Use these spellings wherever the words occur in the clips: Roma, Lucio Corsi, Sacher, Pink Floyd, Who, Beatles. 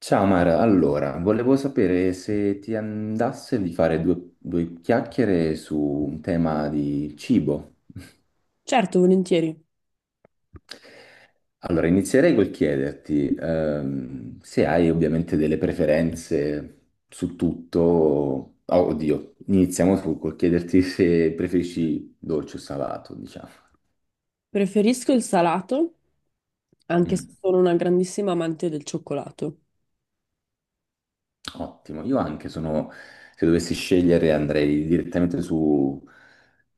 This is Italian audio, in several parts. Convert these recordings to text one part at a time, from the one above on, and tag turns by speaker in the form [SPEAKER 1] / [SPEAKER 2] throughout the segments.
[SPEAKER 1] Ciao Mara, allora, volevo sapere se ti andasse di fare due chiacchiere su un tema di cibo.
[SPEAKER 2] Certo, volentieri.
[SPEAKER 1] Allora, inizierei col chiederti se hai ovviamente delle preferenze su tutto. Oh, oddio, col chiederti se preferisci dolce o salato, diciamo.
[SPEAKER 2] Preferisco il salato, anche se
[SPEAKER 1] Mm.
[SPEAKER 2] sono una grandissima amante del cioccolato.
[SPEAKER 1] Ottimo, io anche sono, se dovessi scegliere andrei direttamente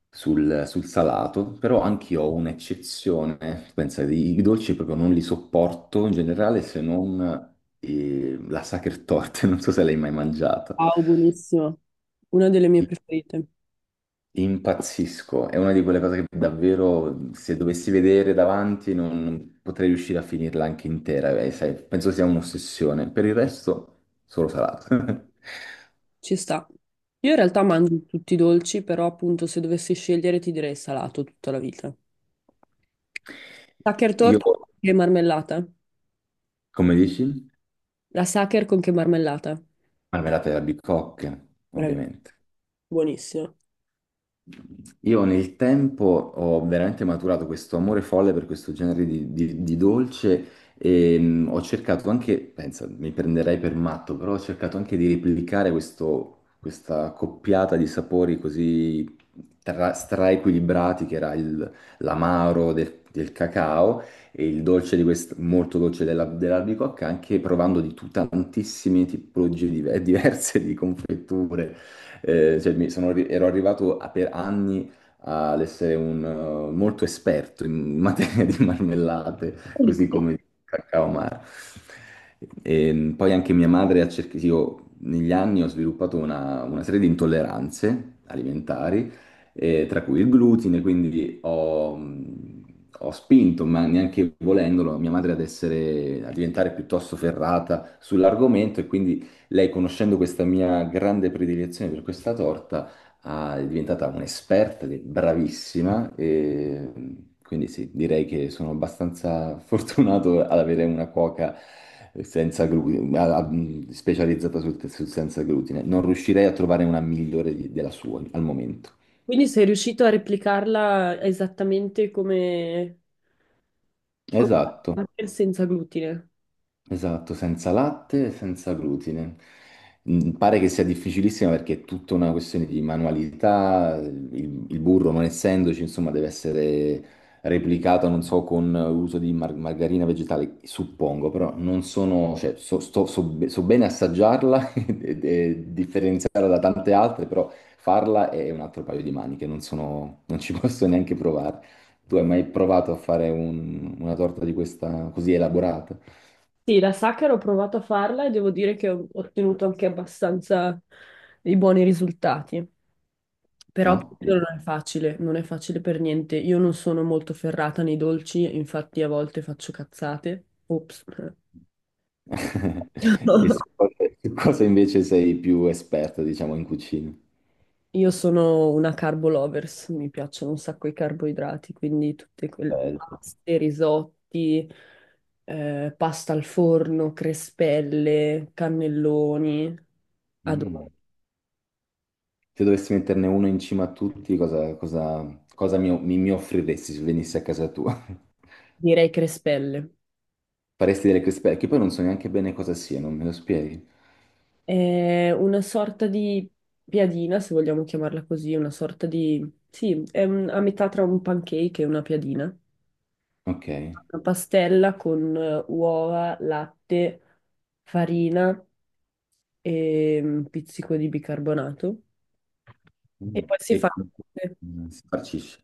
[SPEAKER 1] sul salato, però anche io ho un'eccezione, pensa, i dolci proprio non li sopporto in generale se non la sacher torta, non so se l'hai mai mangiata.
[SPEAKER 2] Wow, buonissimo. Una delle mie preferite.
[SPEAKER 1] Impazzisco, è una di quelle cose che davvero se dovessi vedere davanti non potrei riuscire a finirla anche intera, sai, penso sia un'ossessione. Per il resto, solo salato.
[SPEAKER 2] Ci sta. Io in realtà mangio tutti i dolci, però appunto se dovessi scegliere ti direi salato tutta la vita. Sacher
[SPEAKER 1] Io.
[SPEAKER 2] torta e marmellata.
[SPEAKER 1] Come dici?
[SPEAKER 2] La sacher con che marmellata?
[SPEAKER 1] Marmellata e albicocche,
[SPEAKER 2] Bravi.
[SPEAKER 1] ovviamente.
[SPEAKER 2] Buonissimo.
[SPEAKER 1] Io nel tempo ho veramente maturato questo amore folle per questo genere di dolce e ho cercato anche, pensa, mi prenderei per matto, però ho cercato anche di replicare questa coppiata di sapori così straequilibrati l'amaro del cacao e il dolce di molto dolce dell'albicocca, anche provando tantissime tipologie diverse di confetture cioè, ero arrivato per anni ad essere un, molto esperto in materia di marmellate, così come di cacao amaro. E poi anche mia madre ha cercato, io negli anni ho sviluppato una serie di intolleranze alimentari, tra cui il glutine, quindi ho spinto, ma neanche volendolo, mia madre ad essere, a diventare piuttosto ferrata sull'argomento e quindi lei, conoscendo questa mia grande predilezione per questa torta, è diventata un'esperta, ed è bravissima, e quindi sì, direi che sono abbastanza fortunato ad avere una cuoca senza glutine, specializzata sul senza glutine. Non riuscirei a trovare una migliore della sua al momento.
[SPEAKER 2] Quindi sei riuscito a replicarla esattamente come, come la
[SPEAKER 1] Esatto.
[SPEAKER 2] Sacher senza glutine.
[SPEAKER 1] Esatto, senza latte e senza glutine. Mm. Pare che sia difficilissima perché è tutta una questione di manualità, il burro non essendoci, insomma, deve essere replicato, non so, con l'uso di margarina vegetale, suppongo, però non sono, cioè, so, so bene assaggiarla e differenziarla da tante altre, però farla è un altro paio di maniche, non sono, non ci posso neanche provare. Tu hai mai provato a fare una torta di questa così elaborata?
[SPEAKER 2] Sì, la sacca ho provato a farla e devo dire che ho ottenuto anche abbastanza dei buoni risultati. Però appunto,
[SPEAKER 1] Ottimo.
[SPEAKER 2] non è facile, non è facile per niente. Io non sono molto ferrata nei dolci, infatti a volte faccio cazzate. Ops.
[SPEAKER 1] E su cosa invece sei più esperto, diciamo, in cucina?
[SPEAKER 2] Io sono una carbo lovers, mi piacciono un sacco i carboidrati, quindi tutte quelle
[SPEAKER 1] Bello.
[SPEAKER 2] paste, risotti, pasta al forno, crespelle, cannelloni. Adoro.
[SPEAKER 1] Mm. Se dovessi metterne uno in cima a tutti, cosa mi offriresti se venissi a casa tua?
[SPEAKER 2] Direi crespelle.
[SPEAKER 1] Faresti delle crispe, che poi non so neanche bene cosa sia, non me lo spieghi?
[SPEAKER 2] È una sorta di piadina, se vogliamo chiamarla così, una sorta di... Sì, è un- a metà tra un pancake e una piadina.
[SPEAKER 1] Ok.
[SPEAKER 2] Una pastella con uova, latte, farina e un pizzico di bicarbonato. E
[SPEAKER 1] Mm.
[SPEAKER 2] poi si
[SPEAKER 1] E
[SPEAKER 2] fa
[SPEAKER 1] come mm, si farcisce?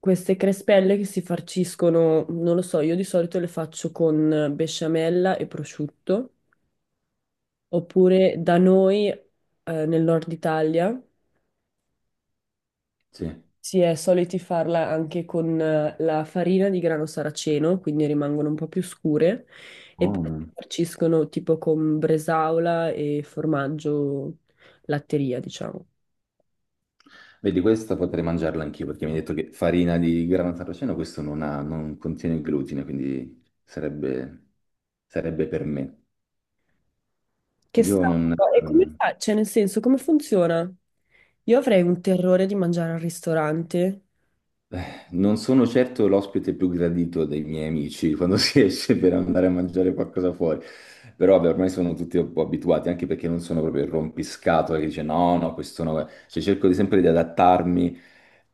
[SPEAKER 2] queste crespelle che si farciscono, non lo so, io di solito le faccio con besciamella e prosciutto, oppure da noi, nel nord Italia.
[SPEAKER 1] Sì.
[SPEAKER 2] Si è soliti farla anche con la farina di grano saraceno, quindi rimangono un po' più scure, e poi
[SPEAKER 1] Buono.
[SPEAKER 2] farciscono tipo con bresaola e formaggio latteria, diciamo.
[SPEAKER 1] Vedi, questa potrei mangiarla anch'io perché mi hai detto che farina di grano saraceno, questo non ha, non contiene glutine, quindi sarebbe per me.
[SPEAKER 2] Che
[SPEAKER 1] Io
[SPEAKER 2] strano.
[SPEAKER 1] non,
[SPEAKER 2] E come fa? Cioè, nel senso, come funziona? Io avrei un terrore di mangiare al ristorante.
[SPEAKER 1] non sono certo l'ospite più gradito dei miei amici quando si esce per andare a mangiare qualcosa fuori, però vabbè, ormai sono tutti un po' abituati, anche perché non sono proprio il rompiscatole che dice no, no, questo no. Cioè, cerco di sempre di adattarmi.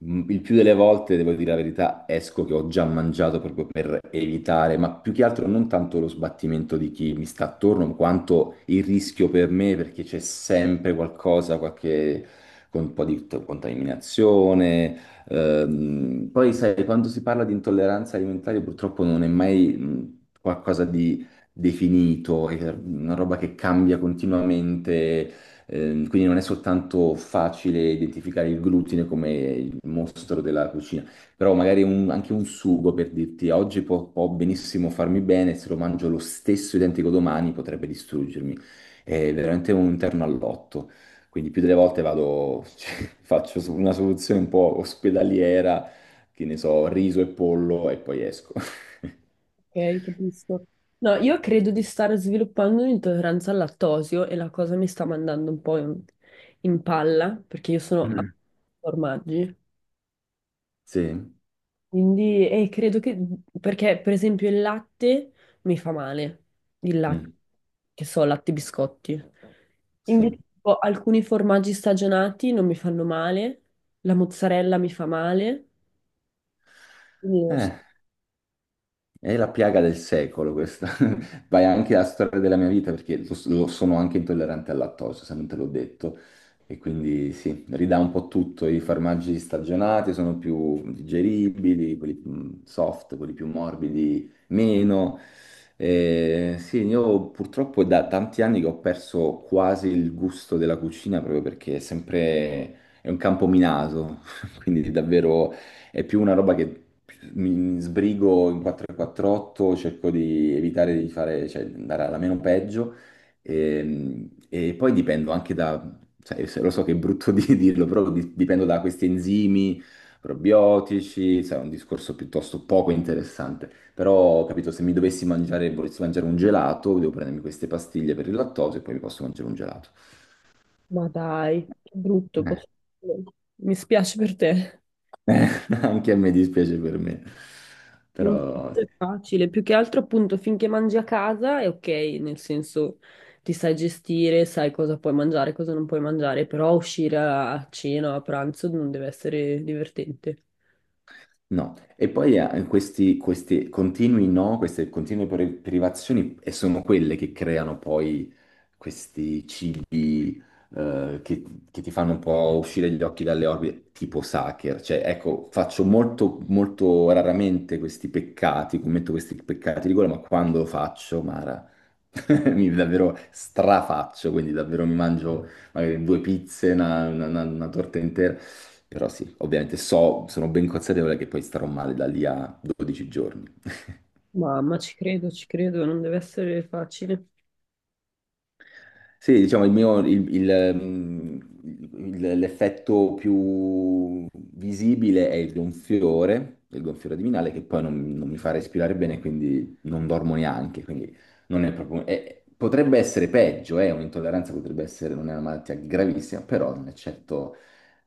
[SPEAKER 1] Mm. Il più delle volte, devo dire la verità, esco che ho già mangiato proprio per evitare, ma più che altro non tanto lo sbattimento di chi mi sta attorno, quanto il rischio per me, perché c'è sempre qualcosa, qualche... con un po' contaminazione. Poi sai, quando si parla di intolleranza alimentare, purtroppo non è mai qualcosa di definito, è una roba che cambia continuamente, quindi non è soltanto facile identificare il glutine come il mostro della cucina, però magari anche un sugo per dirti oggi può benissimo farmi bene, se lo mangio lo stesso identico domani potrebbe distruggermi. È veramente un interno all'otto. Quindi più delle volte vado, cioè, una soluzione un po' ospedaliera, che ne so, riso e pollo e poi esco.
[SPEAKER 2] Ok, capisco. No, io credo di stare sviluppando un'intolleranza al lattosio e la cosa mi sta mandando un po' in, in palla, perché io sono a
[SPEAKER 1] Mm.
[SPEAKER 2] formaggi.
[SPEAKER 1] Sì,
[SPEAKER 2] Quindi credo che, perché per esempio il latte mi fa male, il latte,
[SPEAKER 1] mm,
[SPEAKER 2] che so, latte e biscotti. Invece
[SPEAKER 1] sì.
[SPEAKER 2] tipo, alcuni formaggi stagionati non mi fanno male, la mozzarella mi fa male. Quindi, non so,
[SPEAKER 1] Eh, è la piaga del secolo questa. Vai anche alla storia della mia vita perché lo sono anche intollerante al lattosio, se non te l'ho detto. E quindi sì, ridà un po' tutto. I formaggi stagionati sono più digeribili, quelli più mm, soft, quelli più morbidi meno. Sì, io purtroppo è da tanti anni che ho perso quasi il gusto della cucina proprio perché è sempre è un campo minato, quindi davvero è più una roba che mi sbrigo in 448, cerco di evitare di fare, cioè, di andare alla meno peggio. E poi dipendo anche da, cioè, lo so che è brutto di dirlo, però dipendo da questi enzimi, probiotici, sai, è un discorso piuttosto poco interessante. Però, capito, se mi dovessi mangiare, volessi mangiare un gelato, devo prendermi queste pastiglie per il lattosio e poi mi posso mangiare un gelato.
[SPEAKER 2] ma dai, che brutto.
[SPEAKER 1] Eh.
[SPEAKER 2] Posso- Mi spiace per te.
[SPEAKER 1] Anche a me dispiace per me.
[SPEAKER 2] Non
[SPEAKER 1] Però
[SPEAKER 2] è facile, più che altro appunto finché mangi a casa è ok, nel senso ti sai gestire, sai cosa puoi mangiare, cosa non puoi mangiare, però uscire a cena, a pranzo non deve essere divertente.
[SPEAKER 1] no, e poi questi continui no, queste continue privazioni e sono quelle che creano poi questi cibi eh, che, che ti fanno un po' uscire gli occhi dalle orbite, tipo Sacher. Cioè, ecco, faccio molto, molto raramente questi peccati, commetto questi peccati di gola, ma quando lo faccio, Mara, mi davvero strafaccio, quindi davvero mi mangio magari due pizze, una torta intera. Però sì, ovviamente so, sono ben consapevole che poi starò male da lì a 12 giorni.
[SPEAKER 2] Mamma, ci credo, non deve essere facile.
[SPEAKER 1] Sì, diciamo, l'effetto più visibile è il gonfiore addominale, che poi non mi fa respirare bene, quindi non dormo neanche, quindi non è proprio... potrebbe essere peggio, un'intolleranza potrebbe essere, non è una malattia gravissima, però non eccetto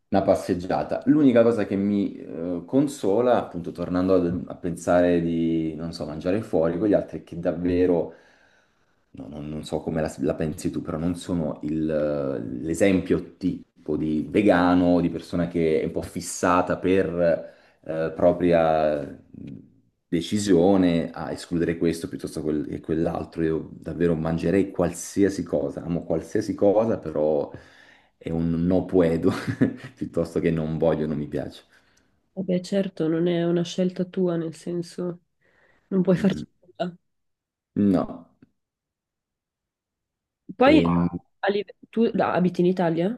[SPEAKER 1] una passeggiata. L'unica cosa che mi consola, appunto, tornando a, pensare di, non so, mangiare fuori con gli altri, è che davvero, no, non so come la pensi tu, però non sono il, l'esempio tipo di vegano, di persona che è un po' fissata per propria decisione a escludere questo piuttosto che quell'altro. Io davvero mangerei qualsiasi cosa, amo qualsiasi cosa, però è un no puedo piuttosto che non voglio, non mi piace.
[SPEAKER 2] Vabbè, certo, non è una scelta tua, nel senso non puoi
[SPEAKER 1] Mm,
[SPEAKER 2] farci
[SPEAKER 1] mm.
[SPEAKER 2] nulla.
[SPEAKER 1] No.
[SPEAKER 2] Poi
[SPEAKER 1] Ehm,
[SPEAKER 2] a live- tu da- abiti in Italia?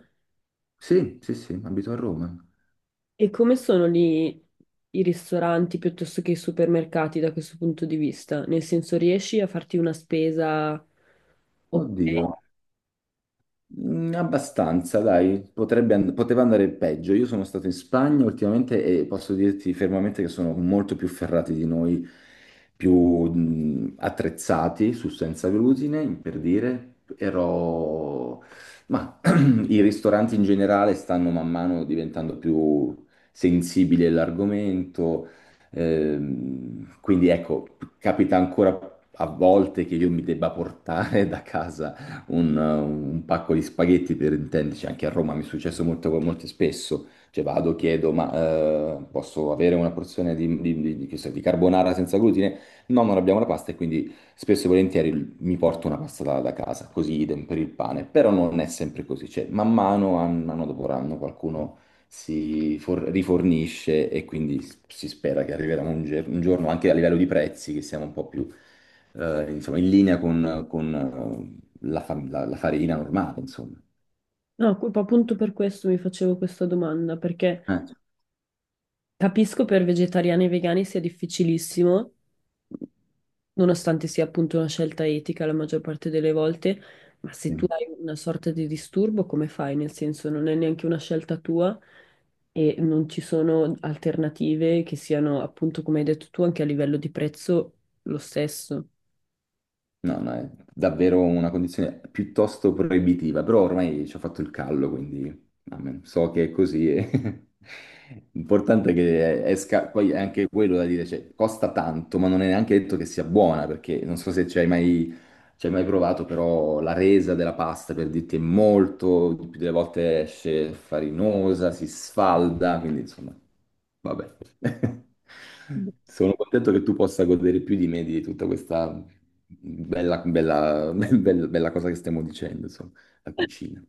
[SPEAKER 1] sì, sì, sì, abito a Roma.
[SPEAKER 2] E come sono lì i ristoranti piuttosto che i supermercati da questo punto di vista? Nel senso, riesci a farti una spesa ok?
[SPEAKER 1] Oddio. Mm, abbastanza, dai, poteva andare peggio. Io sono stato in Spagna ultimamente e posso dirti fermamente che sono molto più ferrati di noi, più mm, attrezzati su senza glutine, per dire. Ero... Ma i ristoranti in generale stanno man mano diventando più sensibili all'argomento, quindi ecco, capita ancora a volte che io mi debba portare da casa un pacco di spaghetti per intenderci, anche a Roma mi è successo molto, molto spesso, cioè vado, chiedo, ma posso avere una porzione che so, di carbonara senza glutine? No, non abbiamo la pasta e quindi spesso e volentieri mi porto una pasta da casa, così idem per il pane, però non è sempre così, cioè man mano, anno dopo anno, qualcuno rifornisce e quindi si spera che arriverà un, un giorno anche a livello di prezzi che siamo un po' più insomma, in linea con, la farina normale, insomma.
[SPEAKER 2] No, appunto per questo mi facevo questa domanda, perché
[SPEAKER 1] Eh,
[SPEAKER 2] capisco per vegetariani e vegani sia difficilissimo, nonostante sia appunto una scelta etica la maggior parte delle volte, ma se
[SPEAKER 1] Sì.
[SPEAKER 2] tu hai una sorta di disturbo, come fai? Nel senso, non è neanche una scelta tua e non ci sono alternative che siano, appunto, come hai detto tu, anche a livello di prezzo lo stesso.
[SPEAKER 1] No, no, è davvero una condizione piuttosto proibitiva, però ormai ci ho fatto il callo, quindi amen. So che è così. E... L'importante è che esca, poi è anche quello da dire, cioè, costa tanto, ma non è neanche detto che sia buona, perché non so se ci hai mai, ci hai mai provato, però la resa della pasta, per dirti, è molto, di più delle volte esce farinosa, si sfalda, quindi insomma... Vabbè, sono contento che tu possa godere più di me di tutta questa bella, bella, bella cosa che stiamo dicendo, insomma, la cucina.